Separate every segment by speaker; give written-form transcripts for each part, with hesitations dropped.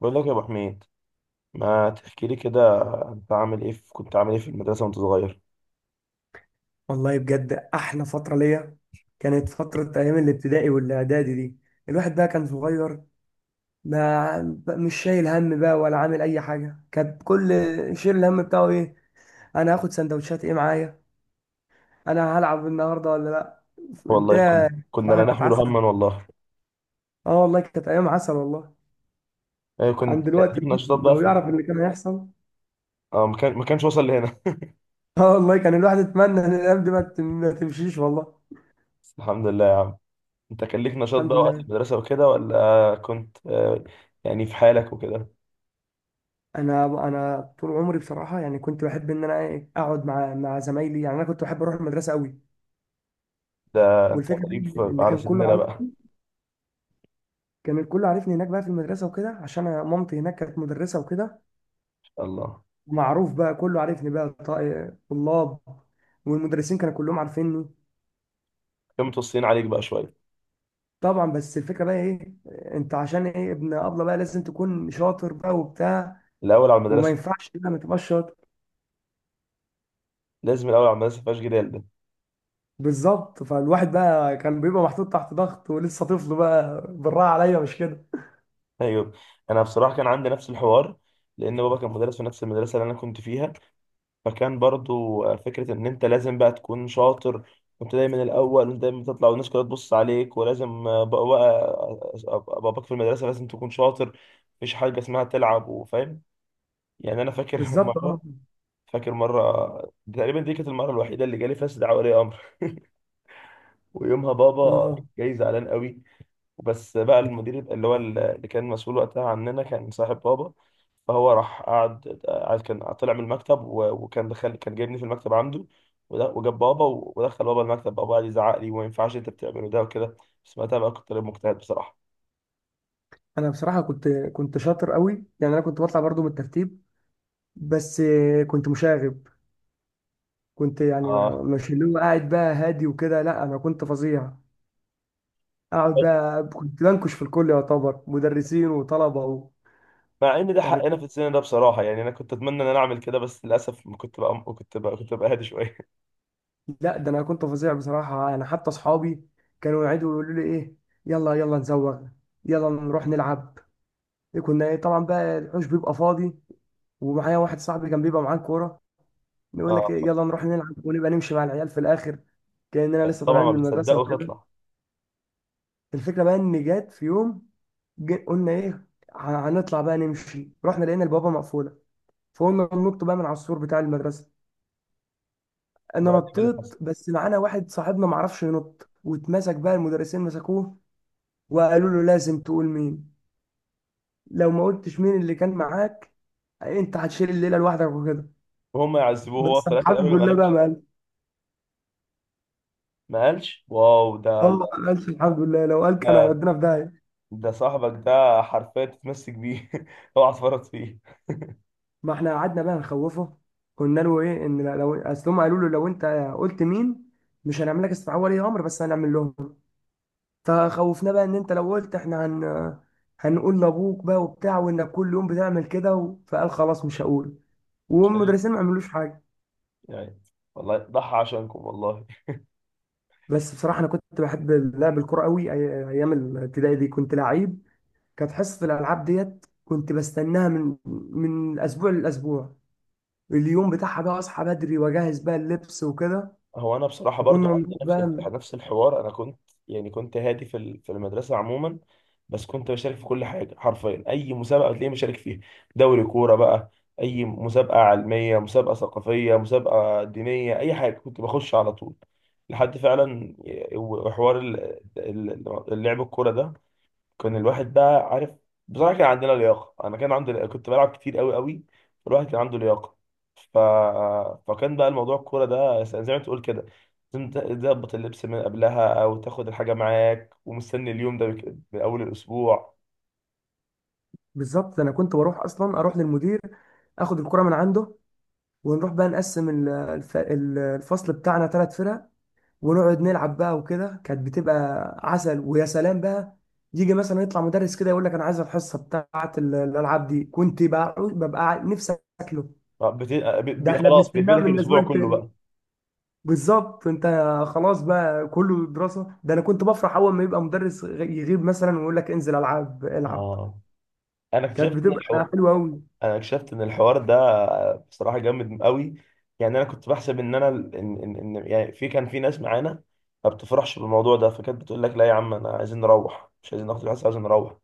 Speaker 1: بقول لك يا ابو حميد، ما تحكي لي كده. انت عامل ايه في المدرسه وانت صغير؟
Speaker 2: والله بجد احلى فتره ليا، كانت فتره ايام الابتدائي والاعدادي دي. الواحد بقى كان صغير، ما مش شايل هم بقى ولا عامل اي حاجه. كان كل شيل الهم بتاعه ايه؟ انا هاخد سندوتشات ايه معايا؟ انا هلعب النهارده ولا لا؟
Speaker 1: والله كنا
Speaker 2: الدنيا
Speaker 1: كنا
Speaker 2: بصراحه
Speaker 1: لا
Speaker 2: كانت
Speaker 1: نحمل
Speaker 2: عسل.
Speaker 1: هما والله.
Speaker 2: اه، والله كانت ايام عسل والله.
Speaker 1: ايه،
Speaker 2: عن
Speaker 1: كنت كان
Speaker 2: دلوقتي
Speaker 1: ليك
Speaker 2: الواحد
Speaker 1: نشاطات بقى
Speaker 2: لو يعرف اللي كان هيحصل.
Speaker 1: اه، ما كان ما كانش وصل لهنا.
Speaker 2: اه، والله كان الواحد يتمنى ان الايام دي ما تمشيش والله.
Speaker 1: بس الحمد لله يا عم، انت كان ليك نشاط
Speaker 2: الحمد
Speaker 1: بقى وقت
Speaker 2: لله.
Speaker 1: المدرسه وكده، ولا كنت يعني في حالك وكده؟
Speaker 2: انا طول عمري بصراحه، يعني كنت بحب ان انا اقعد مع زمايلي، يعني انا كنت بحب اروح المدرسه قوي.
Speaker 1: ده انت
Speaker 2: والفكره بقى
Speaker 1: غريب
Speaker 2: ان إن
Speaker 1: على
Speaker 2: كان كله
Speaker 1: سننا بقى. ان
Speaker 2: عارفني. كان الكل عارفني هناك بقى في المدرسه وكده، عشان أنا مامتي هناك كانت مدرسه وكده.
Speaker 1: شاء الله
Speaker 2: معروف بقى، كله عارفني بقى، طلاب والمدرسين كانوا كلهم عارفيني.
Speaker 1: كانوا متوصيين عليك بقى شويه؟
Speaker 2: طبعا، بس الفكره بقى ايه؟ انت عشان ايه ابن ابله بقى لازم تكون شاطر بقى وبتاع،
Speaker 1: الاول على
Speaker 2: وما
Speaker 1: المدرسه.
Speaker 2: ينفعش بقى ما تبقاش شاطر.
Speaker 1: لازم الاول على المدرسه، مفيهاش جدال ده.
Speaker 2: بالظبط، فالواحد بقى كان بيبقى محطوط تحت ضغط، ولسه طفل بقى، بالراحه عليا، مش كده؟
Speaker 1: ايوه، انا بصراحه كان عندي نفس الحوار، لان بابا كان مدرس في نفس المدرسه اللي انا كنت فيها. فكان برضو فكرة إن أنت لازم بقى تكون شاطر. كنت دايما الأول، وأنت دايما تطلع والناس كلها تبص عليك، ولازم أبقى باباك في المدرسة، لازم تكون شاطر. مفيش حاجة اسمها تلعب وفاهم. يعني أنا فاكر
Speaker 2: بالظبط. اه،
Speaker 1: مرة. فاكر مرة تقريبا، دي كانت المرة الوحيدة اللي جالي فيها استدعاء ولي أمر. ويومها بابا
Speaker 2: اه،
Speaker 1: جاي زعلان قوي. بس بقى المدير اللي هو اللي كان مسؤول وقتها عننا كان صاحب بابا. فهو راح قعد كان طلع من المكتب وكان دخل، كان جايبني في المكتب عنده. وجاب بابا ودخل بابا المكتب، بابا قعد يزعق لي: وما ينفعش انت بتعمله ده وكده. بس وقتها بقى كنت طالب مجتهد بصراحه.
Speaker 2: انا بصراحه كنت شاطر قوي، يعني انا كنت بطلع برضو من الترتيب. بس كنت مشاغب. كنت يعني
Speaker 1: اه،
Speaker 2: مش اللي هو قاعد بقى هادي وكده، لا انا كنت فظيع. اقعد بقى كنت بنكش في الكل، يعتبر مدرسين وطلبه و...
Speaker 1: مع ان ده
Speaker 2: يعني
Speaker 1: حقنا
Speaker 2: كنت...
Speaker 1: في السن ده بصراحه. يعني انا كنت اتمنى ان انا اعمل كده، بس للاسف ما كنت بقى، كنت بقى هادي شويه.
Speaker 2: لا ده انا كنت فظيع بصراحه، يعني حتى اصحابي كانوا يقعدوا يقولوا لي ايه؟ يلا يلا نزوغ، يلا نروح نلعب. كنا طبعا بقى الحوش بيبقى فاضي، ومعايا واحد صاحبي كان بيبقى معاه كوره. نقول لك
Speaker 1: اه،
Speaker 2: يلا نروح نلعب، ونبقى نمشي مع العيال في الاخر كاننا لسه
Speaker 1: طبعا
Speaker 2: طالعين
Speaker 1: ما
Speaker 2: من المدرسه
Speaker 1: بتصدقه
Speaker 2: وكده.
Speaker 1: وتطلع.
Speaker 2: الفكره بقى ان جت في يوم، قلنا ايه؟ ه- هنطلع بقى نمشي. رحنا لقينا البوابه مقفوله، فقلنا ننط بقى من على السور بتاع المدرسه. انا
Speaker 1: وبعدين ايه اللي حصل؟
Speaker 2: نطيت، بس معانا واحد صاحبنا معرفش ينط واتمسك بقى، المدرسين مسكوه. وقالوا له لازم تقول مين، لو ما قلتش مين اللي كان معاك انت هتشيل الليله لوحدك وكده.
Speaker 1: وهم يعذبوه هو
Speaker 2: بس
Speaker 1: في الاخر،
Speaker 2: الحمد
Speaker 1: قالوا ما
Speaker 2: لله بقى
Speaker 1: قالش؟
Speaker 2: ما قال.
Speaker 1: ما قالش؟ واو،
Speaker 2: اه، ما قالش الحمد لله، لو قال كان
Speaker 1: ده,
Speaker 2: هيودينا في داهيه.
Speaker 1: ده صاحبك ده حرفيا تتمسك بيه. اوعى تفرط فيه.
Speaker 2: ما احنا قعدنا بقى نخوفه، قلنا له ايه؟ ان لو، اصل هم قالوا له لو انت قلت مين مش هنعمل لك استدعاء ولي امر بس هنعمل لهم. فخوفنا بقى ان انت لو قلت احنا هنقول لابوك بقى وبتاع، وانك كل يوم بتعمل كده و... فقال خلاص مش هقول.
Speaker 1: عشان-
Speaker 2: والمدرسين ما عملوش حاجه.
Speaker 1: يعني والله ضحى عشانكم والله.
Speaker 2: بس بصراحه انا كنت بحب لعب الكوره قوي. ايام الابتدائي دي كنت لعيب. كانت حصه الالعاب ديت كنت بستناها من اسبوع لاسبوع. اليوم بتاعها بقى اصحى بدري واجهز بقى اللبس وكده،
Speaker 1: هو انا بصراحه برضو
Speaker 2: وكنا
Speaker 1: عندي
Speaker 2: بنروح
Speaker 1: نفس
Speaker 2: بقى.
Speaker 1: نفس الحوار. انا كنت، يعني كنت هادي في المدرسه عموما، بس كنت بشارك في كل حاجه حرفيا. اي مسابقه بتلاقيني بشارك فيها، دوري كوره بقى، اي مسابقه علميه، مسابقه ثقافيه، مسابقه دينيه، اي حاجه كنت بخش على طول. لحد فعلا وحوار اللعب الكوره ده. كان الواحد بقى عارف بصراحه، كان عندنا لياقه. انا كان عندي، كنت بلعب كتير قوي قوي، فالواحد كان عنده لياقه. ف... فكان بقى الموضوع الكوره ده زي ما تقول كده، لازم تظبط اللبس من قبلها او تاخد الحاجه معاك، ومستني اليوم ده من اول الاسبوع.
Speaker 2: بالظبط، ده انا كنت بروح اصلا، اروح للمدير اخد الكرة من عنده، ونروح بقى نقسم الفصل بتاعنا 3 فرق. ونقعد نلعب بقى وكده، كانت بتبقى عسل ويا سلام بقى. يجي مثلا يطلع مدرس كده يقول لك انا عايز الحصة بتاعت الالعاب دي، كنت بقى ببقى نفسي اكله. ده احنا
Speaker 1: خلاص،
Speaker 2: بنستناه
Speaker 1: بيقفلك
Speaker 2: من الاسبوع
Speaker 1: الاسبوع كله
Speaker 2: التاني.
Speaker 1: بقى.
Speaker 2: بالظبط انت. خلاص بقى كله دراسة، ده انا كنت بفرح اول ما يبقى مدرس يغيب مثلا ويقول لك انزل العب العب.
Speaker 1: اه، انا
Speaker 2: كانت
Speaker 1: اكتشفت ان
Speaker 2: بتبقى
Speaker 1: الحوار،
Speaker 2: حلوة قوي.
Speaker 1: انا اكتشفت ان الحوار ده بصراحه جامد قوي. يعني انا كنت بحسب ان انا ان ان إن- يعني في كان في ناس معانا ما بتفرحش بالموضوع ده، فكانت بتقول لك: لا يا عم انا عايزين نروح، مش عايزين ناخد الحصه، عايزين نروح.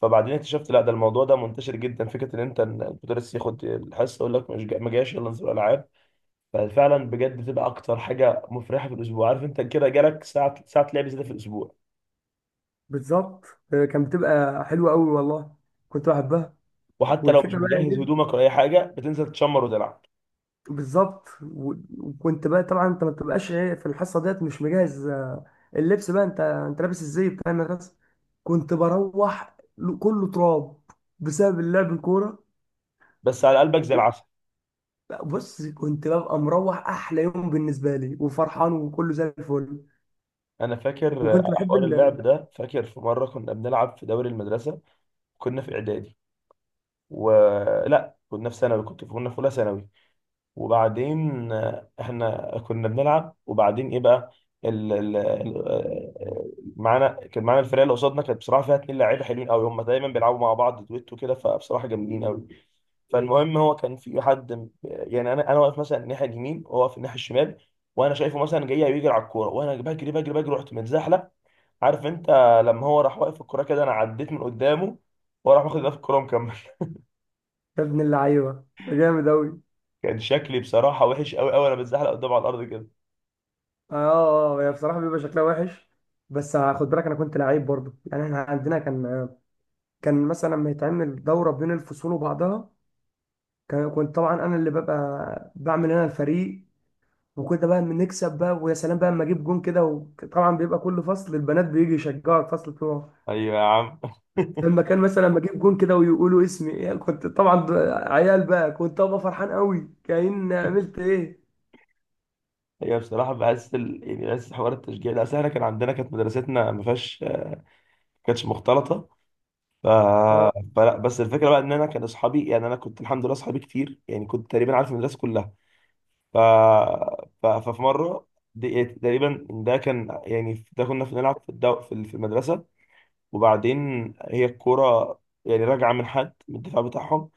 Speaker 1: فبعدين اكتشفت لا، ده الموضوع ده منتشر جدا، فكره ان انت إن المدرس ياخد الحصه يقول لك مش ما جاش، يلا نزور العاب. ففعلا بجد بتبقى اكتر حاجه مفرحه في الاسبوع. عارف انت كده جالك ساعه ساعه لعب زياده في الاسبوع،
Speaker 2: بالظبط، كانت بتبقى حلوة قوي والله، كنت بحبها.
Speaker 1: وحتى لو مش
Speaker 2: والفكرة بقى
Speaker 1: مجهز
Speaker 2: ايه؟
Speaker 1: هدومك ولا اي حاجه بتنزل تشمر وتلعب،
Speaker 2: بالظبط، وكنت بقى طبعا انت ما بتبقاش ايه في الحصة ديت مش مجهز، اللبس بقى. انت لابس ازاي بتاع المدرسة. كنت بروح كله تراب بسبب اللعب الكورة.
Speaker 1: بس على قلبك زي العسل.
Speaker 2: بص كنت ببقى مروح احلى يوم بالنسبة لي، وفرحان وكله زي الفل.
Speaker 1: انا فاكر
Speaker 2: وكنت
Speaker 1: على
Speaker 2: بحب
Speaker 1: حوار اللعب ده، فاكر في مره كنا بنلعب في دوري المدرسه. كنا في اعدادي ولا كنا في ثانوي؟ كنت كنا في اولى ثانوي. وبعدين احنا كنا بنلعب، وبعدين ايه بقى؟ ال... ال... ال- آه، معانا، كان معانا الفرقه اللي قصادنا كانت بصراحه فيها اتنين لعيبه حلوين قوي، هم دايما بيلعبوا مع بعض دويتو كده، فبصراحه جامدين قوي. فالمهم، هو كان في حد يعني انا، انا واقف مثلا الناحيه اليمين وهو واقف الناحيه الشمال. وانا شايفه مثلا جاي بيجري على الكوره، وانا بجري رحت متزحلق. عارف انت، لما هو راح واقف الكرة كده انا عديت من قدامه، وراح واخد ده في الكرة ومكمل.
Speaker 2: يا ابن اللعيبة ده جامد قوي!
Speaker 1: كان شكلي بصراحة وحش قوي قوي، انا بتزحلق قدامه على الارض كده.
Speaker 2: اه، اه، هي بصراحه بيبقى شكلها وحش. بس خد بالك انا كنت لعيب برضه، يعني احنا عندنا كان مثلا لما يتعمل دوره بين الفصول وبعضها. كنت طبعا انا اللي ببقى بعمل انا الفريق. وكنت بقى بنكسب بقى، ويا سلام بقى لما اجيب جون كده، وطبعا بيبقى كل فصل البنات بيجي يشجعوا الفصل بتوعه.
Speaker 1: ايوه يا عم.
Speaker 2: لما كان مثلا لما اجيب جون كده ويقولوا اسمي، يعني كنت طبعا عيال بقى، كنت ابقى فرحان قوي كأن عملت ايه.
Speaker 1: هي بصراحة بحس يعني بحس حوار التشجيع ده، اصل احنا كان عندنا، كانت مدرستنا ما فيهاش، ما كانتش مختلطة. ف...
Speaker 2: اه.
Speaker 1: فلا، بس الفكرة بقى ان انا كان اصحابي، يعني انا كنت الحمد لله اصحابي كتير، يعني كنت تقريبا عارف المدرسة كلها. ف... ففي مرة، تقريبا ده كان، يعني ده كنا في نلعب في في المدرسة. وبعدين، هي الكرة يعني راجعة من حد من الدفاع بتاعهم،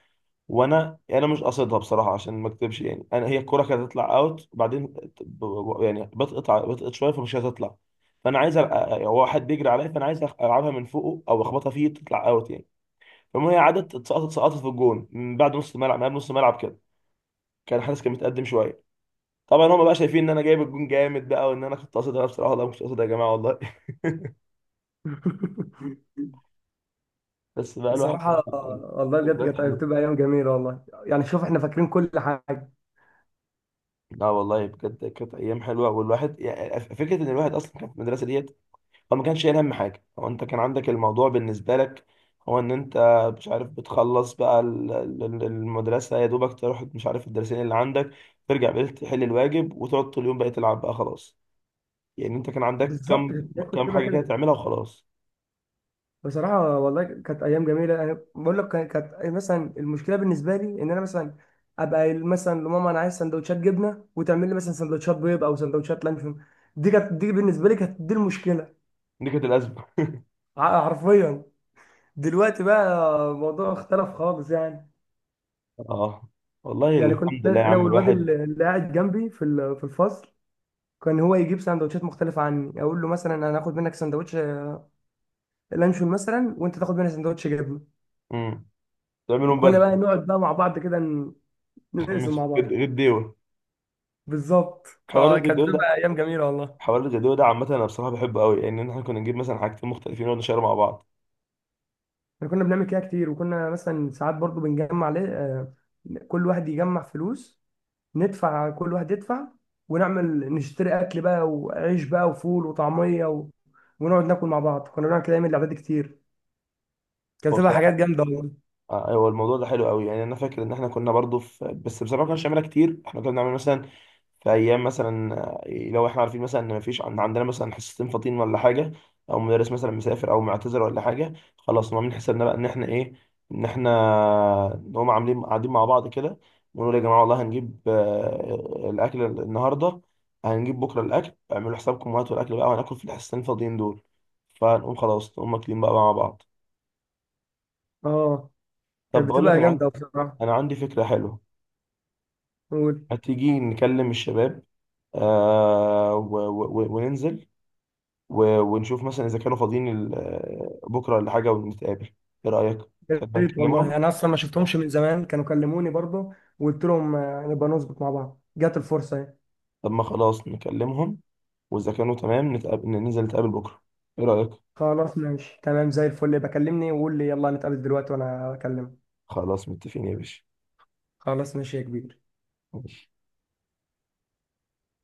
Speaker 1: وانا يعني انا مش قاصدها بصراحة، عشان ما اكذبش. يعني انا هي الكرة كانت هتطلع اوت، وبعدين يعني بتقطع شوية، فمش هتطلع. فانا عايز هو واحد بيجري عليا، فانا عايز العبها من فوقه او اخبطها فيه تطلع اوت يعني. فالمهم هي عدت اتسقطت سقطت في الجون، من بعد نص الملعب، من قبل نص الملعب كده. كان الحارس كان متقدم شوية. طبعا هم بقى شايفين ان انا جايب الجون جامد بقى، وان انا كنت قاصدها. أنا بصراحة والله مش قاصدها يا جماعة والله. بس بقى الواحد
Speaker 2: بصراحة،
Speaker 1: بصراحة.
Speaker 2: والله بجد
Speaker 1: ذكريات
Speaker 2: كانت
Speaker 1: حلوة.
Speaker 2: بتبقى أيام جميلة والله، يعني شوف إحنا فاكرين كل حاجة.
Speaker 1: لا والله بجد كانت ايام حلوه. والواحد يعني فكره ان الواحد اصلا كان في المدرسه ديت، هو ما كانش شايل هم حاجه. هو انت كان عندك الموضوع بالنسبه لك، هو ان انت مش عارف بتخلص بقى المدرسه، يا دوبك تروح مش عارف الدرسين اللي عندك، ترجع بالليل تحل الواجب، وتقعد طول اليوم بقى تلعب بقى خلاص. يعني انت كان عندك
Speaker 2: بالظبط،
Speaker 1: كم،
Speaker 2: كنت
Speaker 1: كم
Speaker 2: بتبقى
Speaker 1: حاجه كده
Speaker 2: كده.
Speaker 1: تعملها وخلاص.
Speaker 2: بصراحة والله كانت أيام جميلة. أنا بقول لك كانت مثلا المشكلة بالنسبة لي إن أنا مثلا أبقى قايل مثلا لماما أنا عايز سندوتشات جبنة، وتعمل لي مثلا سندوتشات بيض أو سندوتشات لانشون. دي كانت، دي بالنسبة لي كانت دي المشكلة.
Speaker 1: دي كانت الازمه.
Speaker 2: حرفيا. دلوقتي بقى الموضوع اختلف خالص يعني.
Speaker 1: اه، والله
Speaker 2: يعني
Speaker 1: الحمد
Speaker 2: كنت
Speaker 1: لله يا
Speaker 2: أنا
Speaker 1: عم
Speaker 2: والواد
Speaker 1: الواحد.
Speaker 2: اللي قاعد جنبي في في الفصل. كان هو يجيب سندوتشات مختلفة عني، أقول له مثلا أنا هاخد منك سندوتش لانشون مثلا، وأنت تاخد مني سندوتش جبنة.
Speaker 1: امم، تعملهم
Speaker 2: وكنا
Speaker 1: بدري.
Speaker 2: بقى نقعد بقى مع بعض كده،
Speaker 1: خمس
Speaker 2: نقسم مع بعض.
Speaker 1: غير ديوه.
Speaker 2: بالظبط،
Speaker 1: حوار
Speaker 2: كانت
Speaker 1: الغير،
Speaker 2: بتبقى أيام جميلة والله.
Speaker 1: حوار الجدول ده عامة أنا بصراحة بحبه قوي، لأن يعني إحنا كنا نجيب مثلا حاجتين مختلفين ونقعد نشير مع بعض.
Speaker 2: احنا كنا بنعمل كده كتير، وكنا مثلا ساعات برضو بنجمع ليه، كل واحد يجمع فلوس. ندفع، كل واحد يدفع، ونعمل نشتري أكل بقى وعيش بقى وفول وطعمية و... ونقعد ناكل مع بعض، كنا بنعمل كده أيام الأعداد كتير. كانت
Speaker 1: هو
Speaker 2: بتبقى حاجات
Speaker 1: بصراحة
Speaker 2: جامدة والله.
Speaker 1: هو الموضوع ده حلو قوي. يعني انا فاكر ان احنا كنا برضو في، بس بصراحه ما كناش بنعملها كتير. احنا كنا بنعمل مثلا، في ايام مثلا لو احنا عارفين مثلا ان مفيش عندنا مثلا حصتين فاضيين ولا حاجه، او مدرس مثلا مسافر او معتذر ولا حاجه، خلاص نقوم عاملين حسابنا بقى ان احنا ايه، ان احنا نقوم عاملين قاعدين مع بعض كده ونقول يا جماعه والله هنجيب الاكل النهارده، هنجيب بكره الاكل اعملوا حسابكم وهاتوا الاكل بقى وهناكل في الحصتين الفاضيين دول. فنقوم خلاص نقوم واكلين بقى مع بعض.
Speaker 2: اه، كانت
Speaker 1: طب بقول لك،
Speaker 2: بتبقى
Speaker 1: انا عندي،
Speaker 2: جامدة بصراحة.
Speaker 1: انا عندي فكره حلوه. هتيجي نكلم الشباب؟ وننزل و ونشوف مثلا إذا كانوا فاضيين بكرة ولا حاجة ونتقابل. إيه رأيك؟
Speaker 2: يا
Speaker 1: تحب
Speaker 2: ريت والله،
Speaker 1: نكلمهم؟
Speaker 2: انا اصلا ما شفتهمش من زمان، كانوا كلموني برضه وقلت لهم نبقى نظبط مع بعض، جات الفرصه اهي.
Speaker 1: طب ما خلاص نكلمهم، وإذا كانوا تمام نتقابل، ننزل نتقابل بكرة. إيه رأيك؟
Speaker 2: خلاص ماشي، تمام زي الفل، بكلمني وقول لي يلا نتقابل دلوقتي وانا اكلمك.
Speaker 1: خلاص متفقين يا باشا.
Speaker 2: خلاص ماشي يا كبير.